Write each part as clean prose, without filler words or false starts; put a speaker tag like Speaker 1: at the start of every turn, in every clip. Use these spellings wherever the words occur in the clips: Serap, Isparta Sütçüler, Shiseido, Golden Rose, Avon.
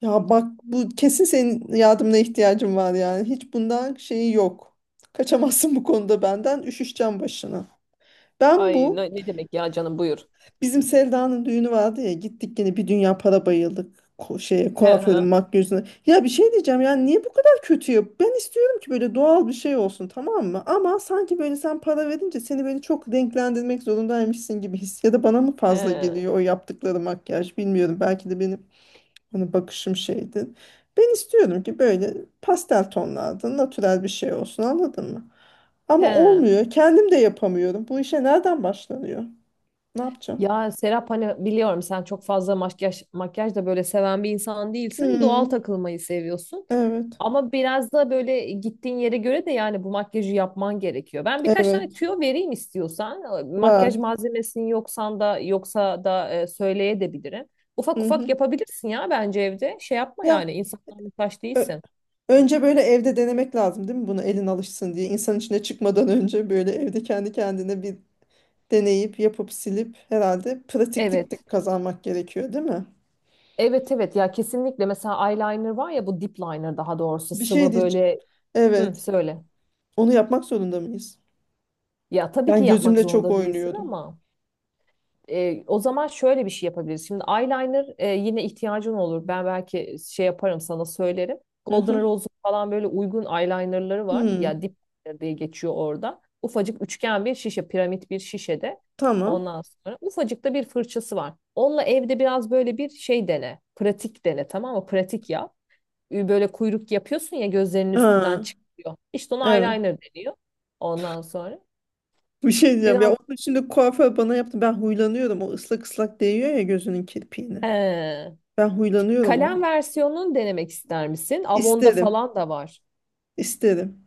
Speaker 1: Ya bak bu kesin senin yardımına ihtiyacım var yani. Hiç bundan şeyi yok. Kaçamazsın bu konuda benden. Üşüşeceğim başına. Ben
Speaker 2: Ay
Speaker 1: bu
Speaker 2: ne, ne demek ya canım buyur.
Speaker 1: bizim Selda'nın düğünü vardı ya, gittik yine bir dünya para bayıldık. Şeye,
Speaker 2: He he
Speaker 1: kuaförün makyözüne. Ya bir şey diyeceğim, yani niye bu kadar kötü ya? Ben istiyorum ki böyle doğal bir şey olsun, tamam mı? Ama sanki böyle sen para verince seni böyle çok renklendirmek zorundaymışsın gibi his. Ya da bana mı fazla
Speaker 2: he
Speaker 1: geliyor o yaptıkları makyaj, bilmiyorum. Belki de benim... Hani bakışım şeydi. Ben istiyordum ki böyle pastel tonlarda natürel bir şey olsun, anladın mı? Ama
Speaker 2: he.
Speaker 1: olmuyor. Kendim de yapamıyorum. Bu işe nereden başlanıyor? Ne yapacağım?
Speaker 2: Ya Serap, hani biliyorum sen çok fazla makyaj da böyle seven bir insan değilsin. Doğal
Speaker 1: Hmm,
Speaker 2: takılmayı seviyorsun.
Speaker 1: evet.
Speaker 2: Ama biraz da böyle gittiğin yere göre de yani bu makyajı yapman gerekiyor. Ben birkaç tane
Speaker 1: Evet.
Speaker 2: tüyo vereyim istiyorsan. Makyaj
Speaker 1: Var.
Speaker 2: malzemesinin yoksa da söyleyebilirim. Ufak
Speaker 1: Hı hı.
Speaker 2: ufak yapabilirsin ya bence evde. Şey yapma
Speaker 1: Ya
Speaker 2: yani insanlara muhtaç
Speaker 1: ö-
Speaker 2: değilsin.
Speaker 1: önce böyle evde denemek lazım değil mi? Bunu elin alışsın diye. İnsan içine çıkmadan önce böyle evde kendi kendine bir deneyip yapıp silip herhalde pratiklik de
Speaker 2: Evet.
Speaker 1: kazanmak gerekiyor değil mi?
Speaker 2: Evet evet ya kesinlikle, mesela eyeliner var ya, bu dip liner daha doğrusu,
Speaker 1: Bir şey
Speaker 2: sıvı
Speaker 1: diyeceğim.
Speaker 2: böyle hı,
Speaker 1: Evet.
Speaker 2: söyle.
Speaker 1: Onu yapmak zorunda mıyız?
Speaker 2: Ya tabii ki
Speaker 1: Ben
Speaker 2: yapmak
Speaker 1: gözümle çok
Speaker 2: zorunda değilsin
Speaker 1: oynuyordum.
Speaker 2: ama o zaman şöyle bir şey yapabiliriz. Şimdi eyeliner yine ihtiyacın olur. Ben belki şey yaparım, sana söylerim.
Speaker 1: Hı hı.
Speaker 2: Golden Rose'un falan böyle uygun eyelinerları var. Ya
Speaker 1: Hmm,
Speaker 2: dip liner diye geçiyor orada. Ufacık üçgen bir şişe, piramit bir şişede.
Speaker 1: tamam.
Speaker 2: Ondan sonra ufacık da bir fırçası var. Onunla evde biraz böyle bir şey dene. Pratik dene, tamam mı? Pratik yap. Böyle kuyruk yapıyorsun ya, gözlerinin üstünden
Speaker 1: Ha,
Speaker 2: çıkıyor. İşte ona
Speaker 1: evet.
Speaker 2: eyeliner deniyor. Ondan sonra
Speaker 1: Bir şey diyeceğim. Ya
Speaker 2: biraz
Speaker 1: onun şimdi kuaför bana yaptı. Ben huylanıyorum. O ıslak ıslak değiyor ya gözünün kirpiğine.
Speaker 2: he,
Speaker 1: Ben huylanıyorum
Speaker 2: kalem
Speaker 1: onu.
Speaker 2: versiyonunu denemek ister misin? Avon'da
Speaker 1: İsterim.
Speaker 2: falan da var.
Speaker 1: İsterim.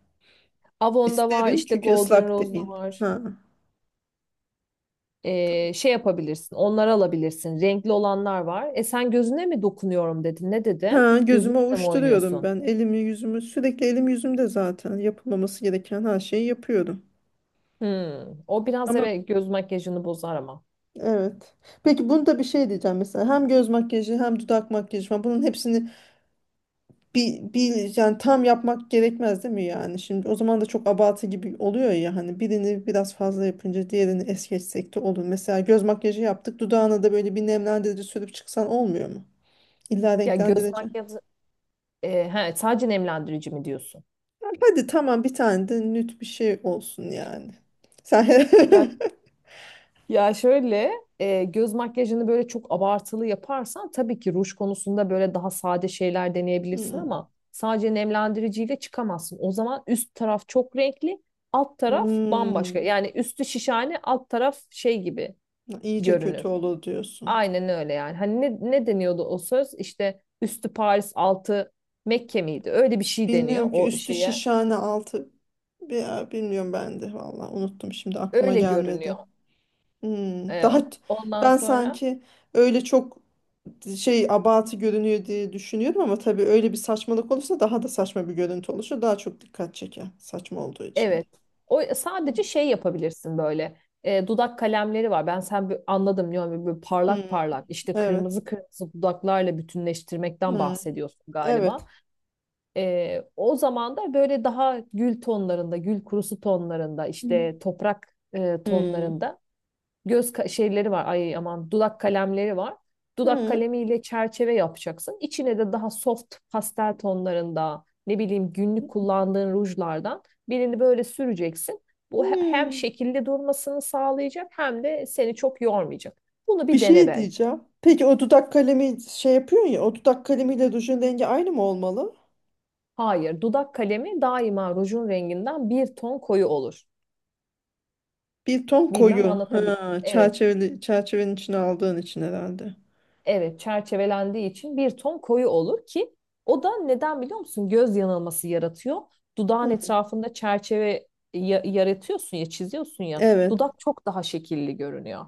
Speaker 2: Avon'da var,
Speaker 1: İsterim
Speaker 2: işte
Speaker 1: çünkü
Speaker 2: Golden
Speaker 1: ıslak
Speaker 2: Rose'da
Speaker 1: değil.
Speaker 2: var.
Speaker 1: Ha.
Speaker 2: Şey yapabilirsin, onları alabilirsin. Renkli olanlar var. E sen gözüne mi dokunuyorum dedin, ne dedin?
Speaker 1: Ha, gözüme
Speaker 2: Gözünle mi
Speaker 1: ovuşturuyorum
Speaker 2: oynuyorsun?
Speaker 1: ben. Elimi yüzümü sürekli, elim yüzümde, zaten yapılmaması gereken her şeyi yapıyorum.
Speaker 2: Hmm. O biraz,
Speaker 1: Ama
Speaker 2: evet, göz makyajını bozar ama.
Speaker 1: evet. Peki bunda bir şey diyeceğim mesela. Hem göz makyajı hem dudak makyajı falan bunun hepsini bir yani tam yapmak gerekmez değil mi yani? Şimdi o zaman da çok abartı gibi oluyor ya, hani birini biraz fazla yapınca diğerini es geçsek de olur. Mesela göz makyajı yaptık, dudağına da böyle bir nemlendirici sürüp çıksan olmuyor mu? İlla
Speaker 2: Ya göz
Speaker 1: renklendireceğim...
Speaker 2: makyajı, sadece nemlendirici mi diyorsun?
Speaker 1: Hadi tamam, bir tane de nüt bir şey olsun yani. Sen
Speaker 2: Ya Ya şöyle, göz makyajını böyle çok abartılı yaparsan tabii ki ruj konusunda böyle daha sade şeyler deneyebilirsin
Speaker 1: Hmm.
Speaker 2: ama sadece nemlendiriciyle çıkamazsın. O zaman üst taraf çok renkli, alt taraf bambaşka.
Speaker 1: Hmm.
Speaker 2: Yani üstü şişhane, alt taraf şey gibi
Speaker 1: iyice kötü
Speaker 2: görünür.
Speaker 1: olur diyorsun.
Speaker 2: Aynen öyle yani. Hani ne, ne deniyordu o söz? İşte üstü Paris, altı Mekke miydi? Öyle bir şey deniyor
Speaker 1: Bilmiyorum ki,
Speaker 2: o
Speaker 1: üstü
Speaker 2: şeye.
Speaker 1: şişhane altı... Ya bilmiyorum ben de valla, unuttum şimdi, aklıma
Speaker 2: Öyle
Speaker 1: gelmedi.
Speaker 2: görünüyor.
Speaker 1: Hmm,
Speaker 2: E,
Speaker 1: daha
Speaker 2: Ondan
Speaker 1: ben
Speaker 2: sonra.
Speaker 1: sanki öyle çok şey, abartı görünüyor diye düşünüyorum, ama tabii öyle bir saçmalık olursa daha da saçma bir görüntü oluşur. Daha çok dikkat çeker saçma olduğu için de.
Speaker 2: Evet. O sadece şey yapabilirsin böyle. E, dudak kalemleri var. Ben sen anladım diyorum, böyle, böyle parlak
Speaker 1: Hmm,
Speaker 2: parlak işte
Speaker 1: evet.
Speaker 2: kırmızı kırmızı dudaklarla bütünleştirmekten
Speaker 1: Hmm,
Speaker 2: bahsediyorsun galiba.
Speaker 1: evet.
Speaker 2: E, o zaman da böyle daha gül tonlarında, gül kurusu tonlarında,
Speaker 1: Hmm.
Speaker 2: işte toprak
Speaker 1: Hmm.
Speaker 2: tonlarında şeyleri var. Ay aman, dudak kalemleri var. Dudak
Speaker 1: Hmm.
Speaker 2: kalemiyle çerçeve yapacaksın. İçine de daha soft pastel tonlarında, ne bileyim, günlük kullandığın rujlardan birini böyle süreceksin. Bu hem
Speaker 1: Hmm.
Speaker 2: şekilde durmasını sağlayacak hem de seni çok yormayacak. Bunu
Speaker 1: Bir
Speaker 2: bir dene
Speaker 1: şey
Speaker 2: bence.
Speaker 1: diyeceğim. Peki o dudak kalemi şey yapıyorsun ya, o dudak kalemiyle rujun rengi aynı mı olmalı?
Speaker 2: Hayır, dudak kalemi daima rujun renginden bir ton koyu olur.
Speaker 1: Bir ton
Speaker 2: Bilmem
Speaker 1: koyu.
Speaker 2: anlatabil.
Speaker 1: Ha,
Speaker 2: Evet.
Speaker 1: çerçeveli, çerçevenin içine aldığın için herhalde.
Speaker 2: Evet, çerçevelendiği için bir ton koyu olur ki o da neden biliyor musun? Göz yanılması yaratıyor. Dudağın
Speaker 1: Hmm,
Speaker 2: etrafında çerçeve yaratıyorsun ya, çiziyorsun ya.
Speaker 1: evet.
Speaker 2: Dudak çok daha şekilli görünüyor.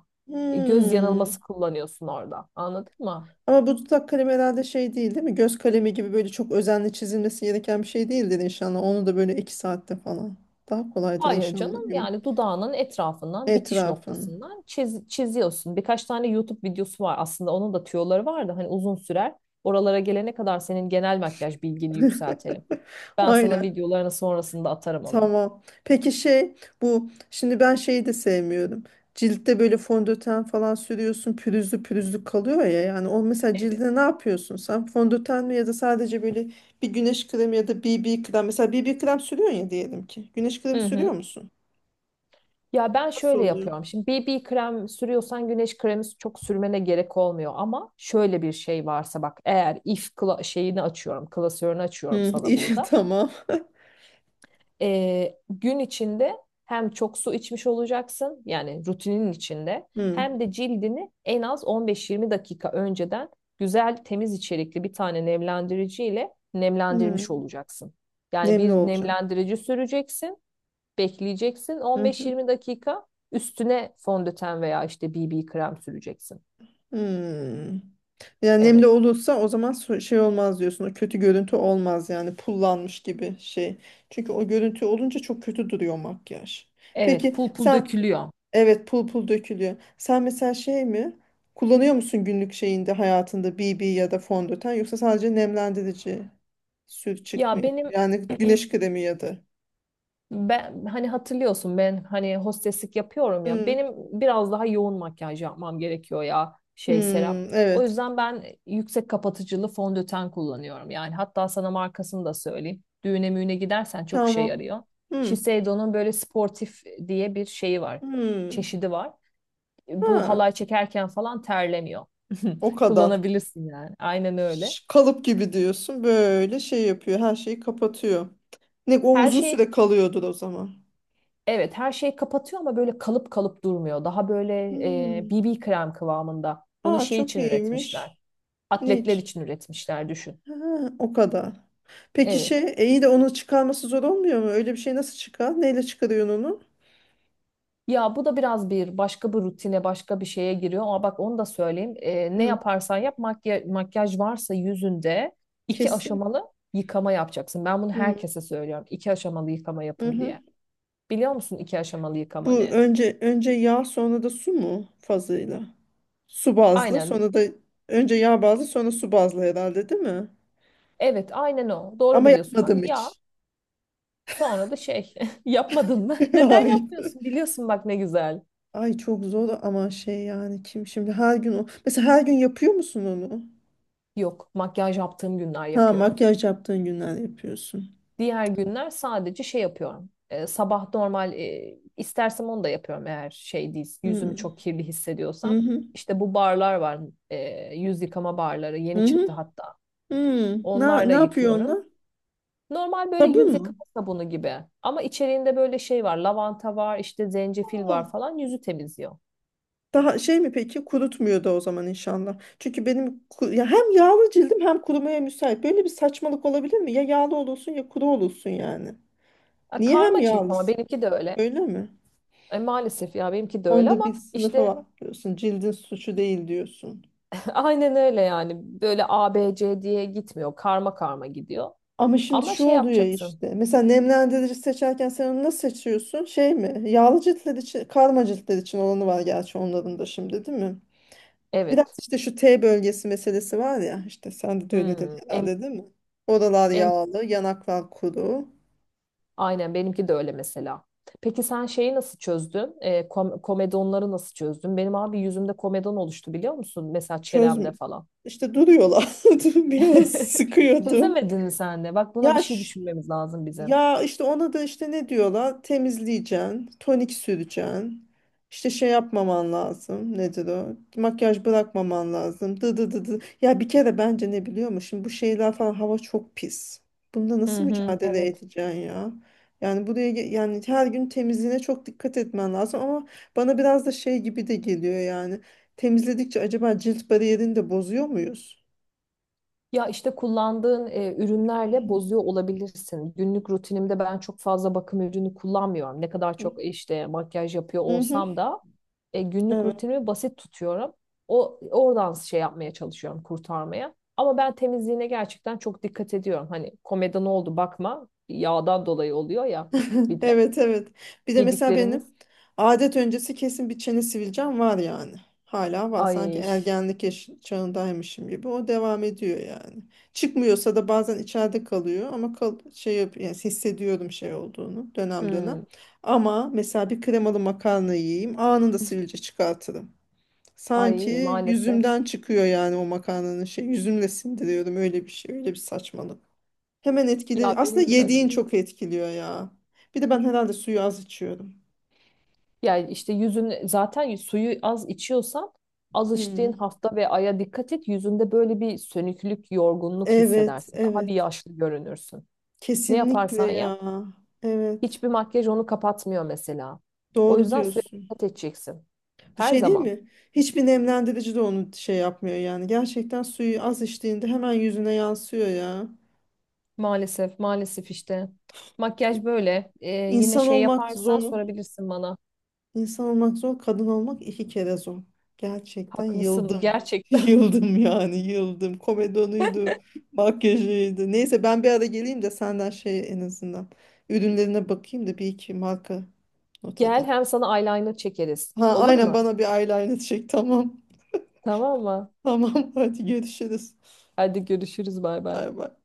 Speaker 2: E, göz
Speaker 1: Hmm.
Speaker 2: yanılması kullanıyorsun orada. Anladın mı?
Speaker 1: Ama bu dudak kalemi herhalde şey değil değil mi? Göz kalemi gibi böyle çok özenle çizilmesi gereken bir şey değildir inşallah. Onu da böyle iki saatte falan. Daha kolaydır
Speaker 2: Hayır
Speaker 1: inşallah
Speaker 2: canım,
Speaker 1: değil
Speaker 2: yani dudağının etrafından, bitiş
Speaker 1: etrafın.
Speaker 2: noktasından çiziyorsun. Birkaç tane YouTube videosu var aslında, onun da tüyoları var da hani uzun sürer. Oralara gelene kadar senin genel makyaj bilgini yükseltelim. Ben sana
Speaker 1: Aynen.
Speaker 2: videolarını sonrasında atarım onun.
Speaker 1: Tamam. Peki şey, bu şimdi, ben şeyi de sevmiyorum. Ciltte böyle fondöten falan sürüyorsun, pürüzlü pürüzlü kalıyor ya, yani o mesela
Speaker 2: Evet.
Speaker 1: cildine ne yapıyorsun sen, fondöten mi ya da sadece böyle bir güneş kremi ya da BB krem, mesela BB krem sürüyorsun ya, diyelim ki güneş kremi
Speaker 2: Hı
Speaker 1: sürüyor
Speaker 2: hı.
Speaker 1: musun?
Speaker 2: Ya ben
Speaker 1: Nasıl
Speaker 2: şöyle
Speaker 1: oluyor?
Speaker 2: yapıyorum. Şimdi BB krem sürüyorsan güneş kremi çok sürmene gerek olmuyor, ama şöyle bir şey varsa bak, eğer if kla- şeyini açıyorum, klasörünü açıyorum
Speaker 1: Hı,
Speaker 2: sana
Speaker 1: iyi
Speaker 2: burada.
Speaker 1: tamam.
Speaker 2: Gün içinde hem çok su içmiş olacaksın yani rutinin içinde,
Speaker 1: Hı,
Speaker 2: hem de cildini en az 15-20 dakika önceden güzel temiz içerikli bir tane nemlendirici ile
Speaker 1: hı.
Speaker 2: nemlendirmiş olacaksın. Yani
Speaker 1: Nemli
Speaker 2: bir
Speaker 1: olacağım.
Speaker 2: nemlendirici süreceksin. Bekleyeceksin
Speaker 1: Hı hı.
Speaker 2: 15-20 dakika, üstüne fondöten veya işte BB krem süreceksin.
Speaker 1: Hı. Yani nemli
Speaker 2: Evet.
Speaker 1: olursa o zaman şey olmaz diyorsun. O kötü görüntü olmaz yani, pullanmış gibi şey. Çünkü o görüntü olunca çok kötü duruyor makyaj.
Speaker 2: Evet,
Speaker 1: Peki
Speaker 2: pul pul
Speaker 1: sen...
Speaker 2: dökülüyor.
Speaker 1: Evet, pul pul dökülüyor. Sen mesela şey mi? Kullanıyor musun günlük şeyinde hayatında BB ya da fondöten, yoksa sadece nemlendirici sür
Speaker 2: Ya
Speaker 1: çıkmıyor?
Speaker 2: benim
Speaker 1: Yani güneş kremi ya da.
Speaker 2: ben hani hatırlıyorsun, ben hani hosteslik yapıyorum ya.
Speaker 1: Hı,
Speaker 2: Benim biraz daha yoğun makyaj yapmam gerekiyor ya
Speaker 1: hı,
Speaker 2: şey Serap. O
Speaker 1: evet.
Speaker 2: yüzden ben yüksek kapatıcılı fondöten kullanıyorum. Yani hatta sana markasını da söyleyeyim. Düğüne müğüne gidersen çok işe
Speaker 1: Tamam.
Speaker 2: yarıyor.
Speaker 1: Hmm.
Speaker 2: Shiseido'nun böyle sportif diye bir şeyi var.
Speaker 1: Hmm.
Speaker 2: Çeşidi var. Bu
Speaker 1: Ha.
Speaker 2: halay çekerken falan terlemiyor.
Speaker 1: O kadar.
Speaker 2: Kullanabilirsin yani. Aynen öyle.
Speaker 1: Kalıp gibi diyorsun. Böyle şey yapıyor. Her şeyi kapatıyor. Ne o,
Speaker 2: Her
Speaker 1: uzun
Speaker 2: şey
Speaker 1: süre kalıyordur o zaman.
Speaker 2: Evet, her şeyi kapatıyor ama böyle kalıp kalıp durmuyor. Daha böyle,
Speaker 1: Hmm.
Speaker 2: BB krem kıvamında. Bunu
Speaker 1: Aa
Speaker 2: şey
Speaker 1: çok
Speaker 2: için üretmişler.
Speaker 1: iyiymiş.
Speaker 2: Atletler
Speaker 1: Niç.
Speaker 2: için üretmişler, düşün.
Speaker 1: Ha, o kadar. Peki
Speaker 2: Evet.
Speaker 1: şey, iyi de onu çıkarması zor olmuyor mu? Öyle bir şey nasıl çıkar? Neyle çıkarıyorsun onu?
Speaker 2: Ya bu da biraz bir başka bir rutine, başka bir şeye giriyor ama bak, onu da söyleyeyim. E, ne
Speaker 1: Hı.
Speaker 2: yaparsan yap, makyaj, makyaj varsa yüzünde iki
Speaker 1: Kesin.
Speaker 2: aşamalı yıkama yapacaksın. Ben bunu herkese söylüyorum. İki aşamalı yıkama yapın
Speaker 1: Hı.
Speaker 2: diye. Biliyor musun iki aşamalı yıkama
Speaker 1: Bu
Speaker 2: ne?
Speaker 1: önce yağ sonra da su mu fazıyla? Su bazlı
Speaker 2: Aynen.
Speaker 1: sonra da, önce yağ bazlı sonra su bazlı herhalde değil mi?
Speaker 2: Evet, aynen o. Doğru
Speaker 1: Ama
Speaker 2: biliyorsun. Bak
Speaker 1: yapmadım
Speaker 2: ya,
Speaker 1: hiç.
Speaker 2: sonra da şey yapmadın mı? Neden
Speaker 1: Hayır.
Speaker 2: yapmıyorsun? Biliyorsun bak, ne güzel.
Speaker 1: Ay çok zor ama şey yani, kim şimdi her gün o. Mesela her gün yapıyor musun onu?
Speaker 2: Yok, makyaj yaptığım günler
Speaker 1: Ha,
Speaker 2: yapıyorum.
Speaker 1: makyaj yaptığın günler yapıyorsun.
Speaker 2: Diğer günler sadece şey yapıyorum. Sabah normal, istersem onu da yapıyorum eğer şey değil, yüzümü
Speaker 1: Hmm.
Speaker 2: çok kirli
Speaker 1: Hı
Speaker 2: hissediyorsam.
Speaker 1: hı.
Speaker 2: İşte bu barlar var, yüz yıkama barları
Speaker 1: Hı
Speaker 2: yeni
Speaker 1: hı.
Speaker 2: çıktı hatta.
Speaker 1: Hmm. Ne,
Speaker 2: Onlarla
Speaker 1: ne yapıyor onlar?
Speaker 2: yıkıyorum. Normal böyle
Speaker 1: Sabun
Speaker 2: yüz
Speaker 1: mu?
Speaker 2: yıkama sabunu gibi. Ama içeriğinde böyle şey var. Lavanta var, işte zencefil var falan. Yüzü temizliyor.
Speaker 1: Daha şey mi peki, kurutmuyor da o zaman inşallah. Çünkü benim ya hem yağlı cildim hem kurumaya müsait. Böyle bir saçmalık olabilir mi? Ya yağlı olursun ya kuru olursun yani.
Speaker 2: E,
Speaker 1: Niye hem
Speaker 2: karma cilt, ama
Speaker 1: yağlısın?
Speaker 2: benimki de öyle.
Speaker 1: Öyle mi?
Speaker 2: E, maalesef ya, benimki de öyle
Speaker 1: Onda bir
Speaker 2: ama
Speaker 1: sınıfı
Speaker 2: işte
Speaker 1: var diyorsun. Cildin suçu değil diyorsun.
Speaker 2: aynen öyle yani. Böyle A, B, C diye gitmiyor. Karma karma gidiyor.
Speaker 1: Ama şimdi
Speaker 2: Ama
Speaker 1: şu
Speaker 2: şey
Speaker 1: oluyor
Speaker 2: yapacaksın.
Speaker 1: işte. Mesela nemlendirici seçerken sen onu nasıl seçiyorsun? Şey mi? Yağlı ciltler için, karma ciltler için olanı var, gerçi onların da şimdi değil mi? Biraz
Speaker 2: Evet.
Speaker 1: işte şu T bölgesi meselesi var ya, işte sende de öyledir
Speaker 2: Hmm,
Speaker 1: herhalde değil mi? Oralar
Speaker 2: em,
Speaker 1: yağlı, yanaklar kuru.
Speaker 2: aynen benimki de öyle mesela. Peki sen şeyi nasıl çözdün? E, komedonları nasıl çözdün? Benim abi yüzümde komedon oluştu biliyor musun? Mesela
Speaker 1: Çözmü.
Speaker 2: çenemde falan.
Speaker 1: İşte duruyorlar. Dur, biraz sıkıyordum.
Speaker 2: Çözemedin mi sen de? Bak buna bir
Speaker 1: Ya
Speaker 2: şey
Speaker 1: ş-
Speaker 2: düşünmemiz lazım bizim.
Speaker 1: Ya işte ona da işte, ne diyorlar? Temizleyeceksin, tonik süreceksin. İşte şey yapmaman lazım. Nedir o? Makyaj bırakmaman lazım. Dı dı dı dı. Ya bir kere bence, ne biliyor musun? Şimdi bu şeyler falan, hava çok pis. Bunda
Speaker 2: Hı
Speaker 1: nasıl
Speaker 2: hı,
Speaker 1: mücadele
Speaker 2: evet.
Speaker 1: edeceksin ya? Yani buraya yani her gün temizliğine çok dikkat etmen lazım, ama bana biraz da şey gibi de geliyor yani. Temizledikçe acaba cilt bariyerini de bozuyor muyuz?
Speaker 2: Ya işte kullandığın ürünlerle bozuyor olabilirsin. Günlük rutinimde ben çok fazla bakım ürünü kullanmıyorum. Ne kadar
Speaker 1: Hı
Speaker 2: çok
Speaker 1: hı.
Speaker 2: işte makyaj yapıyor
Speaker 1: Hı hı.
Speaker 2: olsam da günlük
Speaker 1: Evet.
Speaker 2: rutinimi basit tutuyorum. O oradan şey yapmaya çalışıyorum, kurtarmaya. Ama ben temizliğine gerçekten çok dikkat ediyorum. Hani komeda ne oldu bakma. Yağdan dolayı oluyor ya, bir de
Speaker 1: Evet, evet. Bir de mesela
Speaker 2: yediklerimiz.
Speaker 1: benim adet öncesi kesin bir çene sivilcem var yani. Hala var. Sanki
Speaker 2: Ay,
Speaker 1: ergenlik çağındaymışım gibi. O devam ediyor yani. Çıkmıyorsa da bazen içeride kalıyor, ama kal şey yap, yani hissediyorum şey olduğunu dönem dönem.
Speaker 2: hmm,
Speaker 1: Ama mesela bir kremalı makarna yiyeyim, anında sivilce çıkartırım.
Speaker 2: ay
Speaker 1: Sanki
Speaker 2: maalesef.
Speaker 1: yüzümden çıkıyor yani, o makarnanın şey, yüzümle sindiriyorum, öyle bir şey, öyle bir saçmalık. Hemen etkili.
Speaker 2: Ya benim
Speaker 1: Aslında
Speaker 2: de
Speaker 1: yediğin
Speaker 2: öyle.
Speaker 1: çok etkiliyor ya. Bir de ben herhalde suyu az içiyorum.
Speaker 2: Yani işte yüzün, zaten suyu az içiyorsan az içtiğin
Speaker 1: Hmm.
Speaker 2: hafta ve aya dikkat et. Yüzünde böyle bir sönüklük, yorgunluk
Speaker 1: Evet,
Speaker 2: hissedersin. Daha
Speaker 1: evet.
Speaker 2: bir yaşlı görünürsün. Ne
Speaker 1: Kesinlikle
Speaker 2: yaparsan yap,
Speaker 1: ya. Evet.
Speaker 2: hiçbir makyaj onu kapatmıyor mesela. O
Speaker 1: Doğru
Speaker 2: yüzden suya
Speaker 1: diyorsun.
Speaker 2: dikkat edeceksin.
Speaker 1: Bir
Speaker 2: Her
Speaker 1: şey değil
Speaker 2: zaman.
Speaker 1: mi? Hiçbir nemlendirici de onu şey yapmıyor yani. Gerçekten suyu az içtiğinde hemen yüzüne yansıyor ya.
Speaker 2: Maalesef, maalesef işte. Makyaj böyle. Yine
Speaker 1: İnsan
Speaker 2: şey
Speaker 1: olmak
Speaker 2: yaparsan
Speaker 1: zor.
Speaker 2: sorabilirsin bana.
Speaker 1: İnsan olmak zor, kadın olmak iki kere zor. Gerçekten
Speaker 2: Haklısın
Speaker 1: yıldım.
Speaker 2: gerçekten.
Speaker 1: Yıldım yani, yıldım. Komedonuydu, makyajıydı. Neyse, ben bir ara geleyim de senden şey, en azından ürünlerine bakayım da bir iki marka not
Speaker 2: Gel,
Speaker 1: edelim.
Speaker 2: hem sana eyeliner çekeriz.
Speaker 1: Ha
Speaker 2: Olur
Speaker 1: aynen,
Speaker 2: mu?
Speaker 1: bana bir eyeliner çek, tamam.
Speaker 2: Tamam mı?
Speaker 1: Tamam, hadi görüşürüz.
Speaker 2: Hadi görüşürüz, bay bay.
Speaker 1: Bay bay.